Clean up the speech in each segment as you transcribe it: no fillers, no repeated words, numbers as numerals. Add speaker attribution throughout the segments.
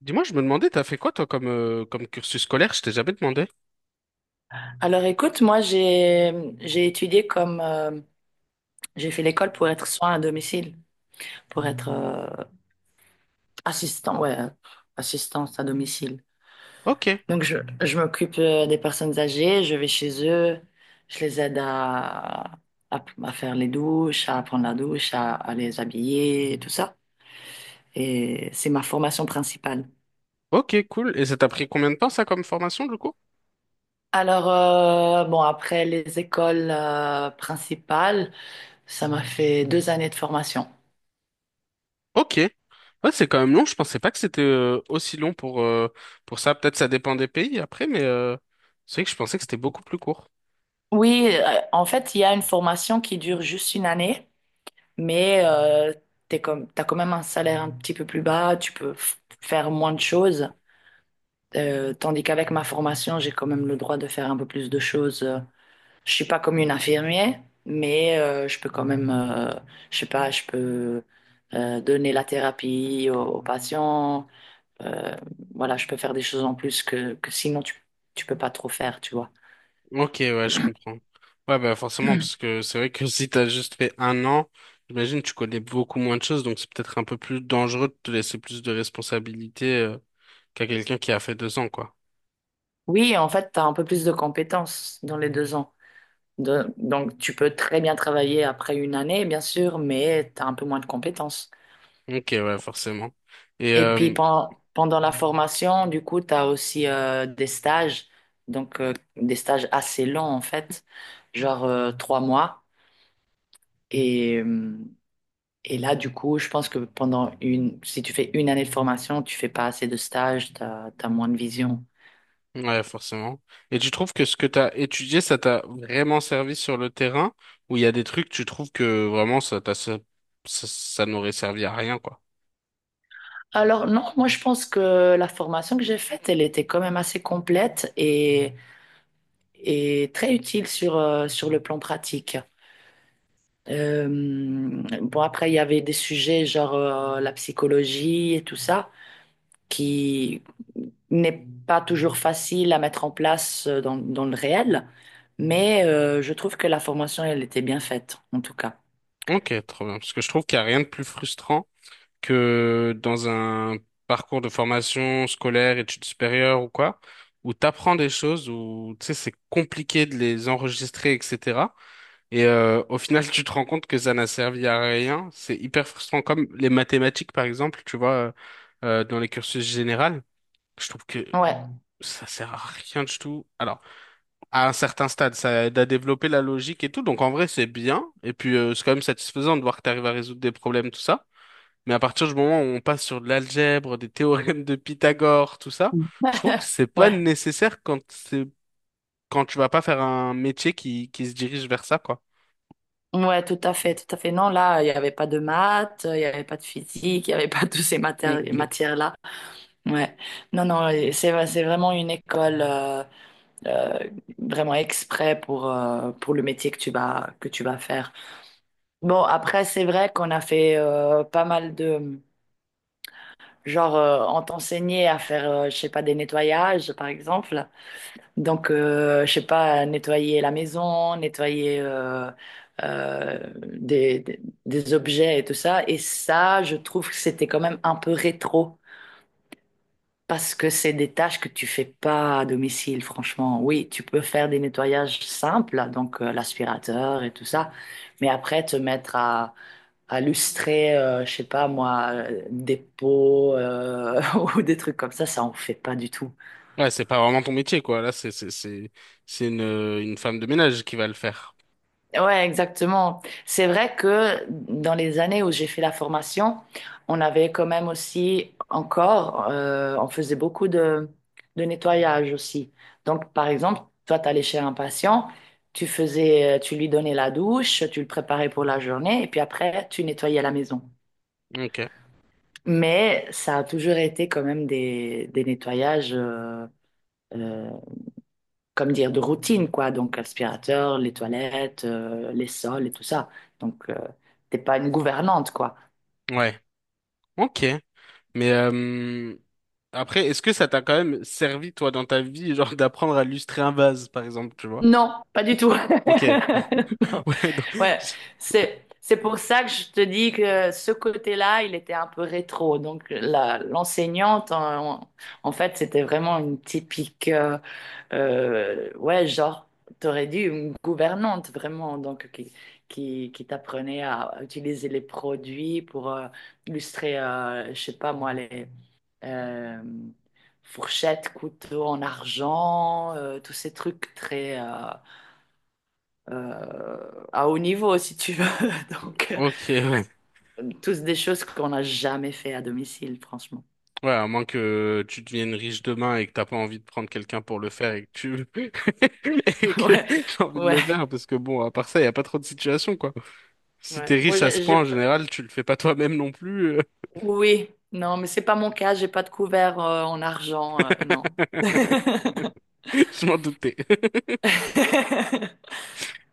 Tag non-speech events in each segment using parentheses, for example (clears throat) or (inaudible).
Speaker 1: Dis-moi, je me demandais, t'as fait quoi toi comme, comme cursus scolaire? Je t'ai jamais demandé.
Speaker 2: Alors écoute, moi j'ai étudié comme j'ai fait l'école pour être soin à domicile, pour être assistant, ouais, assistance à domicile.
Speaker 1: Ok,
Speaker 2: Donc je, je m'occupe des personnes âgées, je vais chez eux, je les aide à faire les douches, à prendre la douche, à les habiller et tout ça. Et c'est ma formation principale.
Speaker 1: ok, cool. Et ça t'a pris combien de temps ça comme formation du coup?
Speaker 2: Bon, après les écoles principales, ça m'a fait deux années de formation.
Speaker 1: Ok. Ouais, c'est quand même long. Je pensais pas que c'était aussi long pour ça. Peut-être ça dépend des pays après, mais c'est vrai que je pensais que c'était beaucoup plus court.
Speaker 2: Oui, en fait, il y a une formation qui dure juste une année, mais t'es comme, t'as quand même un salaire un petit peu plus bas, tu peux faire moins de choses. Tandis qu'avec ma formation, j'ai quand même le droit de faire un peu plus de choses. Je suis pas comme une infirmière, mais je peux quand même, je sais pas, je peux donner la thérapie aux patients. Euh, voilà, je peux faire des choses en plus que sinon tu peux pas trop faire, tu vois.
Speaker 1: Ok, ouais, je comprends. Ouais, bah forcément, parce que c'est vrai que (laughs) si t'as juste fait un an, j'imagine tu connais beaucoup moins de choses, donc c'est peut-être un peu plus dangereux de te laisser plus de responsabilités qu'à quelqu'un qui a fait deux ans, quoi.
Speaker 2: Oui, en fait, tu as un peu plus de compétences dans les deux ans. Donc, tu peux très bien travailler après une année, bien sûr, mais tu as un peu moins de compétences.
Speaker 1: Ok, ouais, forcément. Et
Speaker 2: Et puis, pendant la formation, du coup, tu as aussi des stages, donc des stages assez longs, en fait, genre trois mois. Et, euh, et là, du coup, je pense que si tu fais une année de formation, tu fais pas assez de stages, tu as moins de vision.
Speaker 1: ouais, forcément. Et tu trouves que ce que t'as étudié, ça t'a vraiment servi sur le terrain, ou il y a des trucs tu trouves que vraiment ça n'aurait servi à rien, quoi.
Speaker 2: Alors non, moi je pense que la formation que j'ai faite, elle était quand même assez complète et très utile sur le plan pratique. Euh, bon, après, il y avait des sujets genre la psychologie et tout ça, qui n'est pas toujours facile à mettre en place dans le réel, mais je trouve que la formation, elle était bien faite, en tout cas.
Speaker 1: Ok, trop bien. Parce que je trouve qu'il n'y a rien de plus frustrant que dans un parcours de formation scolaire, études supérieures ou quoi, où t'apprends des choses, où tu sais, c'est compliqué de les enregistrer, etc. Et au final, (laughs) tu te rends compte que ça n'a servi à rien. C'est hyper frustrant, comme les mathématiques, par exemple, tu vois, dans les cursus généraux. Je trouve que
Speaker 2: Ouais.
Speaker 1: ça sert à rien du tout. Alors, à un certain stade, ça aide à développer la logique et tout. Donc, en vrai, c'est bien. Et puis, c'est quand même satisfaisant de voir que tu arrives à résoudre des problèmes, tout ça. Mais à partir du moment où on passe sur de l'algèbre, des théorèmes de Pythagore, tout ça, je trouve que
Speaker 2: (laughs)
Speaker 1: c'est pas
Speaker 2: Ouais,
Speaker 1: nécessaire quand c'est quand tu vas pas faire un métier qui se dirige vers ça, quoi.
Speaker 2: ouais, tout à fait, tout à fait. Non, là, il n'y avait pas de maths, il n'y avait pas de physique, il n'y avait pas (laughs) toutes ces
Speaker 1: Mm.
Speaker 2: matières-là. Ouais, non, non, c'est vraiment une école. Euh, Vraiment exprès pour le métier que tu vas faire. Bon, après, c'est vrai qu'on a fait pas mal de... Genre, on t'enseignait à faire, je sais pas, des nettoyages, par exemple. Donc, je sais pas, nettoyer la maison, nettoyer euh, des, des, des objets et tout ça. Et ça, je trouve que c'était quand même un peu rétro. Parce que c'est des tâches que tu fais pas à domicile, franchement. Oui, tu peux faire des nettoyages simples, donc l'aspirateur et tout ça, mais après te mettre à lustrer, je sais pas moi, des pots (laughs) ou des trucs comme ça on fait pas du tout.
Speaker 1: Ouais, c'est pas vraiment ton métier, quoi. Là, c'est une femme de ménage qui va le faire.
Speaker 2: Ouais, exactement. C'est vrai que dans les années où j'ai fait la formation, on avait quand même aussi encore, on faisait beaucoup de nettoyage aussi. Donc, par exemple, toi, tu allais chez un patient, tu faisais, tu lui donnais la douche, tu le préparais pour la journée, et puis après, tu nettoyais la maison.
Speaker 1: Ok.
Speaker 2: Mais ça a toujours été quand même des nettoyages euh, comme dire, de routine, quoi. Donc, l'aspirateur, les toilettes, les sols et tout ça. Donc, t'es pas une gouvernante, quoi.
Speaker 1: Ouais. Ok. Mais après, est-ce que ça t'a quand même servi, toi, dans ta vie, genre d'apprendre à lustrer un vase, par exemple, tu vois?
Speaker 2: Non, pas du tout. (laughs)
Speaker 1: Ok.
Speaker 2: Non.
Speaker 1: (laughs) Ouais. donc-
Speaker 2: Ouais, c'est pour ça que je te dis que ce côté-là, il était un peu rétro. Donc, l'enseignante, en fait, c'était vraiment une typique. Ouais, genre, t'aurais dit une gouvernante vraiment, qui t'apprenait à utiliser les produits pour illustrer, je sais pas moi, les euh, fourchettes, couteaux en argent, tous ces trucs très à haut niveau, si tu veux. (laughs) Donc,
Speaker 1: Ok. Ouais.
Speaker 2: tous des choses qu'on n'a jamais fait à domicile, franchement.
Speaker 1: Ouais, à moins que tu deviennes riche demain et que t'as pas envie de prendre quelqu'un pour le faire et que tu (laughs) et
Speaker 2: (laughs)
Speaker 1: que
Speaker 2: Ouais,
Speaker 1: j'ai envie de
Speaker 2: ouais,
Speaker 1: le faire parce que bon, à part ça, y a pas trop de situations quoi. Si t'es
Speaker 2: ouais.
Speaker 1: riche à ce point, en général, tu le fais pas toi-même non plus.
Speaker 2: Oui, non, mais c'est pas mon cas, j'ai pas de couvert en argent, non.
Speaker 1: (laughs) Je m'en doutais. (laughs)
Speaker 2: (laughs)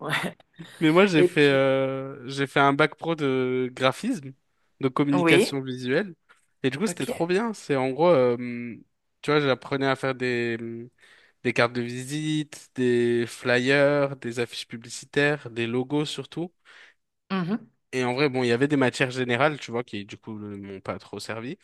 Speaker 2: Ouais.
Speaker 1: Mais moi,
Speaker 2: Et puis,
Speaker 1: j'ai fait un bac pro de graphisme, de
Speaker 2: oui,
Speaker 1: communication visuelle et du coup, c'était trop
Speaker 2: ok.
Speaker 1: bien. C'est en gros, tu vois, j'apprenais à faire des cartes de visite, des flyers, des affiches publicitaires, des logos surtout.
Speaker 2: Mhm.
Speaker 1: Et en vrai, bon, il y avait des matières générales, tu vois, qui du coup ne m'ont pas trop servi.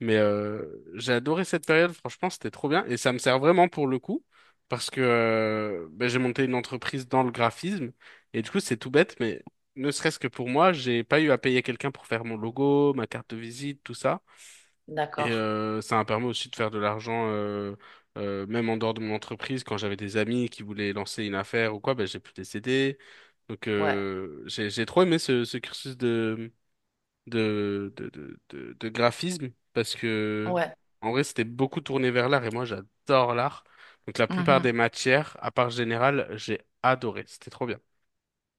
Speaker 1: Mais j'ai adoré cette période, franchement, c'était trop bien. Et ça me sert vraiment pour le coup, parce que ben, j'ai monté une entreprise dans le graphisme. Et du coup, c'est tout bête, mais ne serait-ce que pour moi, j'ai pas eu à payer quelqu'un pour faire mon logo, ma carte de visite, tout ça. Et
Speaker 2: D'accord.
Speaker 1: ça m'a permis aussi de faire de l'argent, même en dehors de mon entreprise. Quand j'avais des amis qui voulaient lancer une affaire ou quoi, ben, j'ai pu les aider. Donc
Speaker 2: Ouais,
Speaker 1: j'ai trop aimé ce, ce cursus de graphisme parce que
Speaker 2: ouais.
Speaker 1: en vrai c'était beaucoup tourné vers l'art et moi j'adore l'art. Donc la plupart des matières, à part générale, j'ai adoré. C'était trop bien.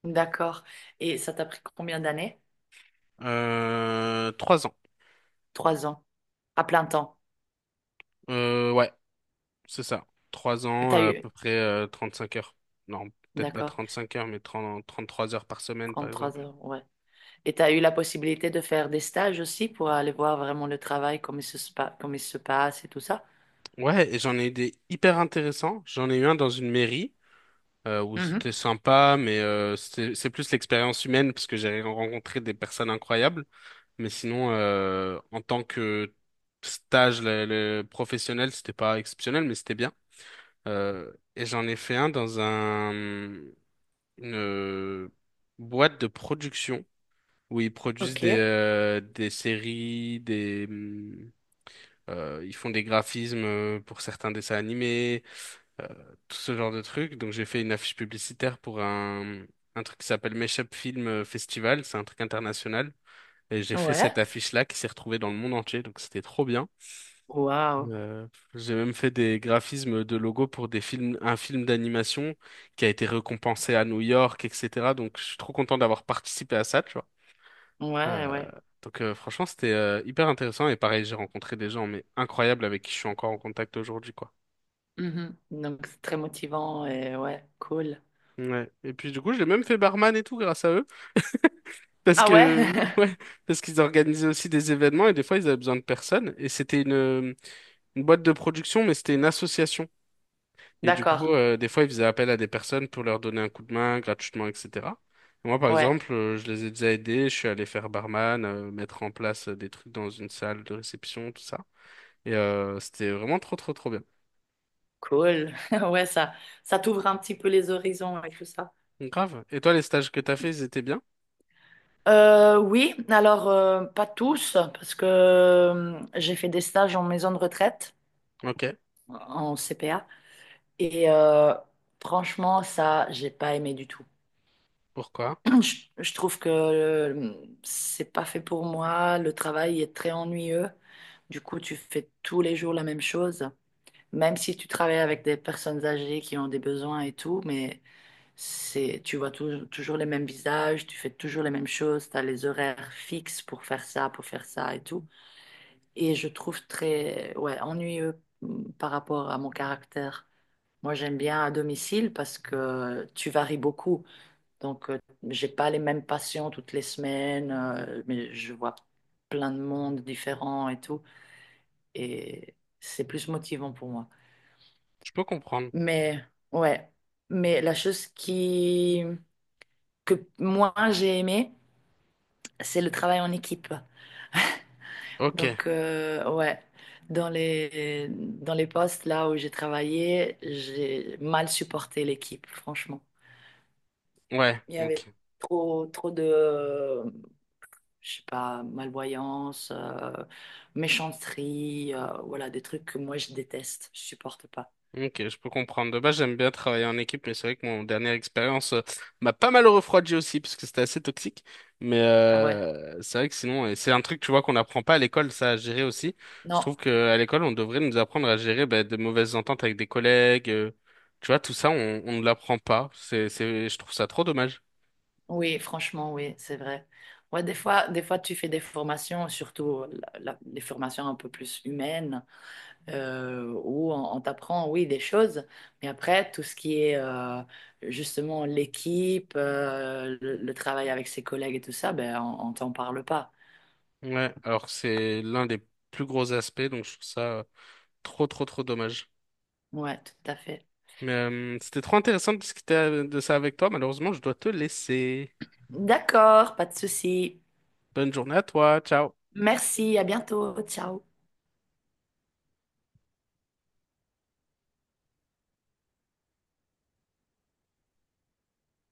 Speaker 2: Mhm. D'accord. Et ça t'a pris combien d'années?
Speaker 1: Trois ans.
Speaker 2: Trois ans. À plein temps.
Speaker 1: Ouais. C'est ça. Trois
Speaker 2: Et
Speaker 1: ans,
Speaker 2: t'as
Speaker 1: à
Speaker 2: eu.
Speaker 1: peu près cinq heures. Non, peut-être pas
Speaker 2: D'accord.
Speaker 1: 35 heures, mais trente trois heures par semaine, par
Speaker 2: Trente-trois
Speaker 1: exemple.
Speaker 2: heures, ouais. Et t'as eu la possibilité de faire des stages aussi pour aller voir vraiment le travail, comment il se passe et tout ça?
Speaker 1: Ouais, et j'en ai eu des hyper intéressants. J'en ai eu un dans une mairie où c'était
Speaker 2: Mhm.
Speaker 1: sympa, mais c'était- c'est plus l'expérience humaine parce que j'ai rencontré des personnes incroyables. Mais sinon, en tant que stage le professionnel, c'était pas exceptionnel, mais c'était bien. Et j'en ai fait un dans un, une euh, boîte de production où ils produisent
Speaker 2: Ok.
Speaker 1: des séries, des, ils font des graphismes pour certains dessins animés, euh, tout ce genre de trucs. Donc j'ai fait une affiche publicitaire pour un truc qui s'appelle Meshup Film Festival, c'est un truc international. Et j'ai fait cette
Speaker 2: Ouais.
Speaker 1: affiche-là qui s'est retrouvée dans le monde entier, donc c'était trop bien.
Speaker 2: Waouh.
Speaker 1: Euh, j'ai même fait des graphismes de logos pour des films, un film d'animation qui a été récompensé à New York, etc. Donc je suis trop content d'avoir participé à ça, tu vois.
Speaker 2: Ouais,
Speaker 1: Euh,
Speaker 2: ouais.
Speaker 1: Franchement, c'était hyper intéressant et pareil, j'ai rencontré des gens mais incroyables avec qui je suis encore en contact aujourd'hui quoi.
Speaker 2: Mhm. Donc c'est très motivant et ouais, cool.
Speaker 1: Ouais. Et puis du coup, j'ai même fait barman et tout grâce à eux (laughs) parce
Speaker 2: Ah ouais?
Speaker 1: que ouais,
Speaker 2: (laughs)
Speaker 1: parce qu'ils organisaient aussi des événements et des fois ils avaient besoin de personnes et c'était une boîte de production mais c'était une association et du coup
Speaker 2: D'accord.
Speaker 1: des fois ils faisaient appel à des personnes pour leur donner un coup de main gratuitement etc. Et moi par
Speaker 2: Ouais,
Speaker 1: exemple, je les ai déjà aidés, je suis allé faire barman, mettre en place des trucs dans une salle de réception, tout ça. Et c'était vraiment trop bien.
Speaker 2: cool. (laughs) Ouais, ça t'ouvre un petit peu les horizons et tout ça.
Speaker 1: Grave. Et toi, les stages que t'as fait, ils étaient bien?
Speaker 2: Oui, alors pas tous, parce que j'ai fait des stages en maison de retraite,
Speaker 1: Ok.
Speaker 2: en CPA, et franchement, ça, j'ai pas aimé du tout.
Speaker 1: Pourquoi?
Speaker 2: (clears throat) Je, je trouve que c'est pas fait pour moi, le travail est très ennuyeux, du coup, tu fais tous les jours la même chose. Même si tu travailles avec des personnes âgées qui ont des besoins et tout, mais c'est, tu vois toujours les mêmes visages, tu fais toujours les mêmes choses, tu as les horaires fixes pour faire ça et tout. Et je trouve très, ouais, ennuyeux, par rapport à mon caractère. Moi, j'aime bien à domicile parce que tu varies beaucoup. Donc, j'ai pas les mêmes patients toutes les semaines, mais je vois plein de monde différents et tout. Et c'est plus motivant pour moi.
Speaker 1: Je peux comprendre.
Speaker 2: Mais ouais, mais la chose qui que moi j'ai aimé, c'est le travail en équipe.
Speaker 1: Ok.
Speaker 2: Donc ouais, dans les postes là où j'ai travaillé, j'ai mal supporté l'équipe, franchement.
Speaker 1: Ouais.
Speaker 2: Il y avait
Speaker 1: Ok.
Speaker 2: trop de je sais pas, malvoyance, méchanceté, voilà des trucs que moi je déteste, je supporte pas.
Speaker 1: Ok, je peux comprendre. De base, j'aime bien travailler en équipe, mais c'est vrai que mon dernière expérience m'a pas mal refroidi aussi, parce que c'était assez toxique. Mais
Speaker 2: Ah ouais.
Speaker 1: c'est vrai que sinon, et c'est un truc, tu vois, qu'on n'apprend pas à l'école, ça, à gérer aussi. Je trouve
Speaker 2: Non.
Speaker 1: qu'à l'école, on devrait nous apprendre à gérer bah, de mauvaises ententes avec des collègues. Tu vois, tout ça, on ne l'apprend pas. Je trouve ça trop dommage.
Speaker 2: Oui, franchement, oui, c'est vrai. Ouais, des fois, tu fais des formations, surtout les formations un peu plus humaines, où on t'apprend, oui, des choses, mais après, tout ce qui est justement l'équipe, euh, le travail avec ses collègues et tout ça, ben, on t'en parle pas.
Speaker 1: Ouais, alors que c'est l'un des plus gros aspects, donc je trouve ça. Trop dommage.
Speaker 2: Ouais, tout à fait.
Speaker 1: Mais c'était trop intéressant de discuter de ça avec toi. Malheureusement, je dois te laisser.
Speaker 2: D'accord, pas de souci.
Speaker 1: Bonne journée à toi. Ciao.
Speaker 2: Merci, à bientôt, ciao.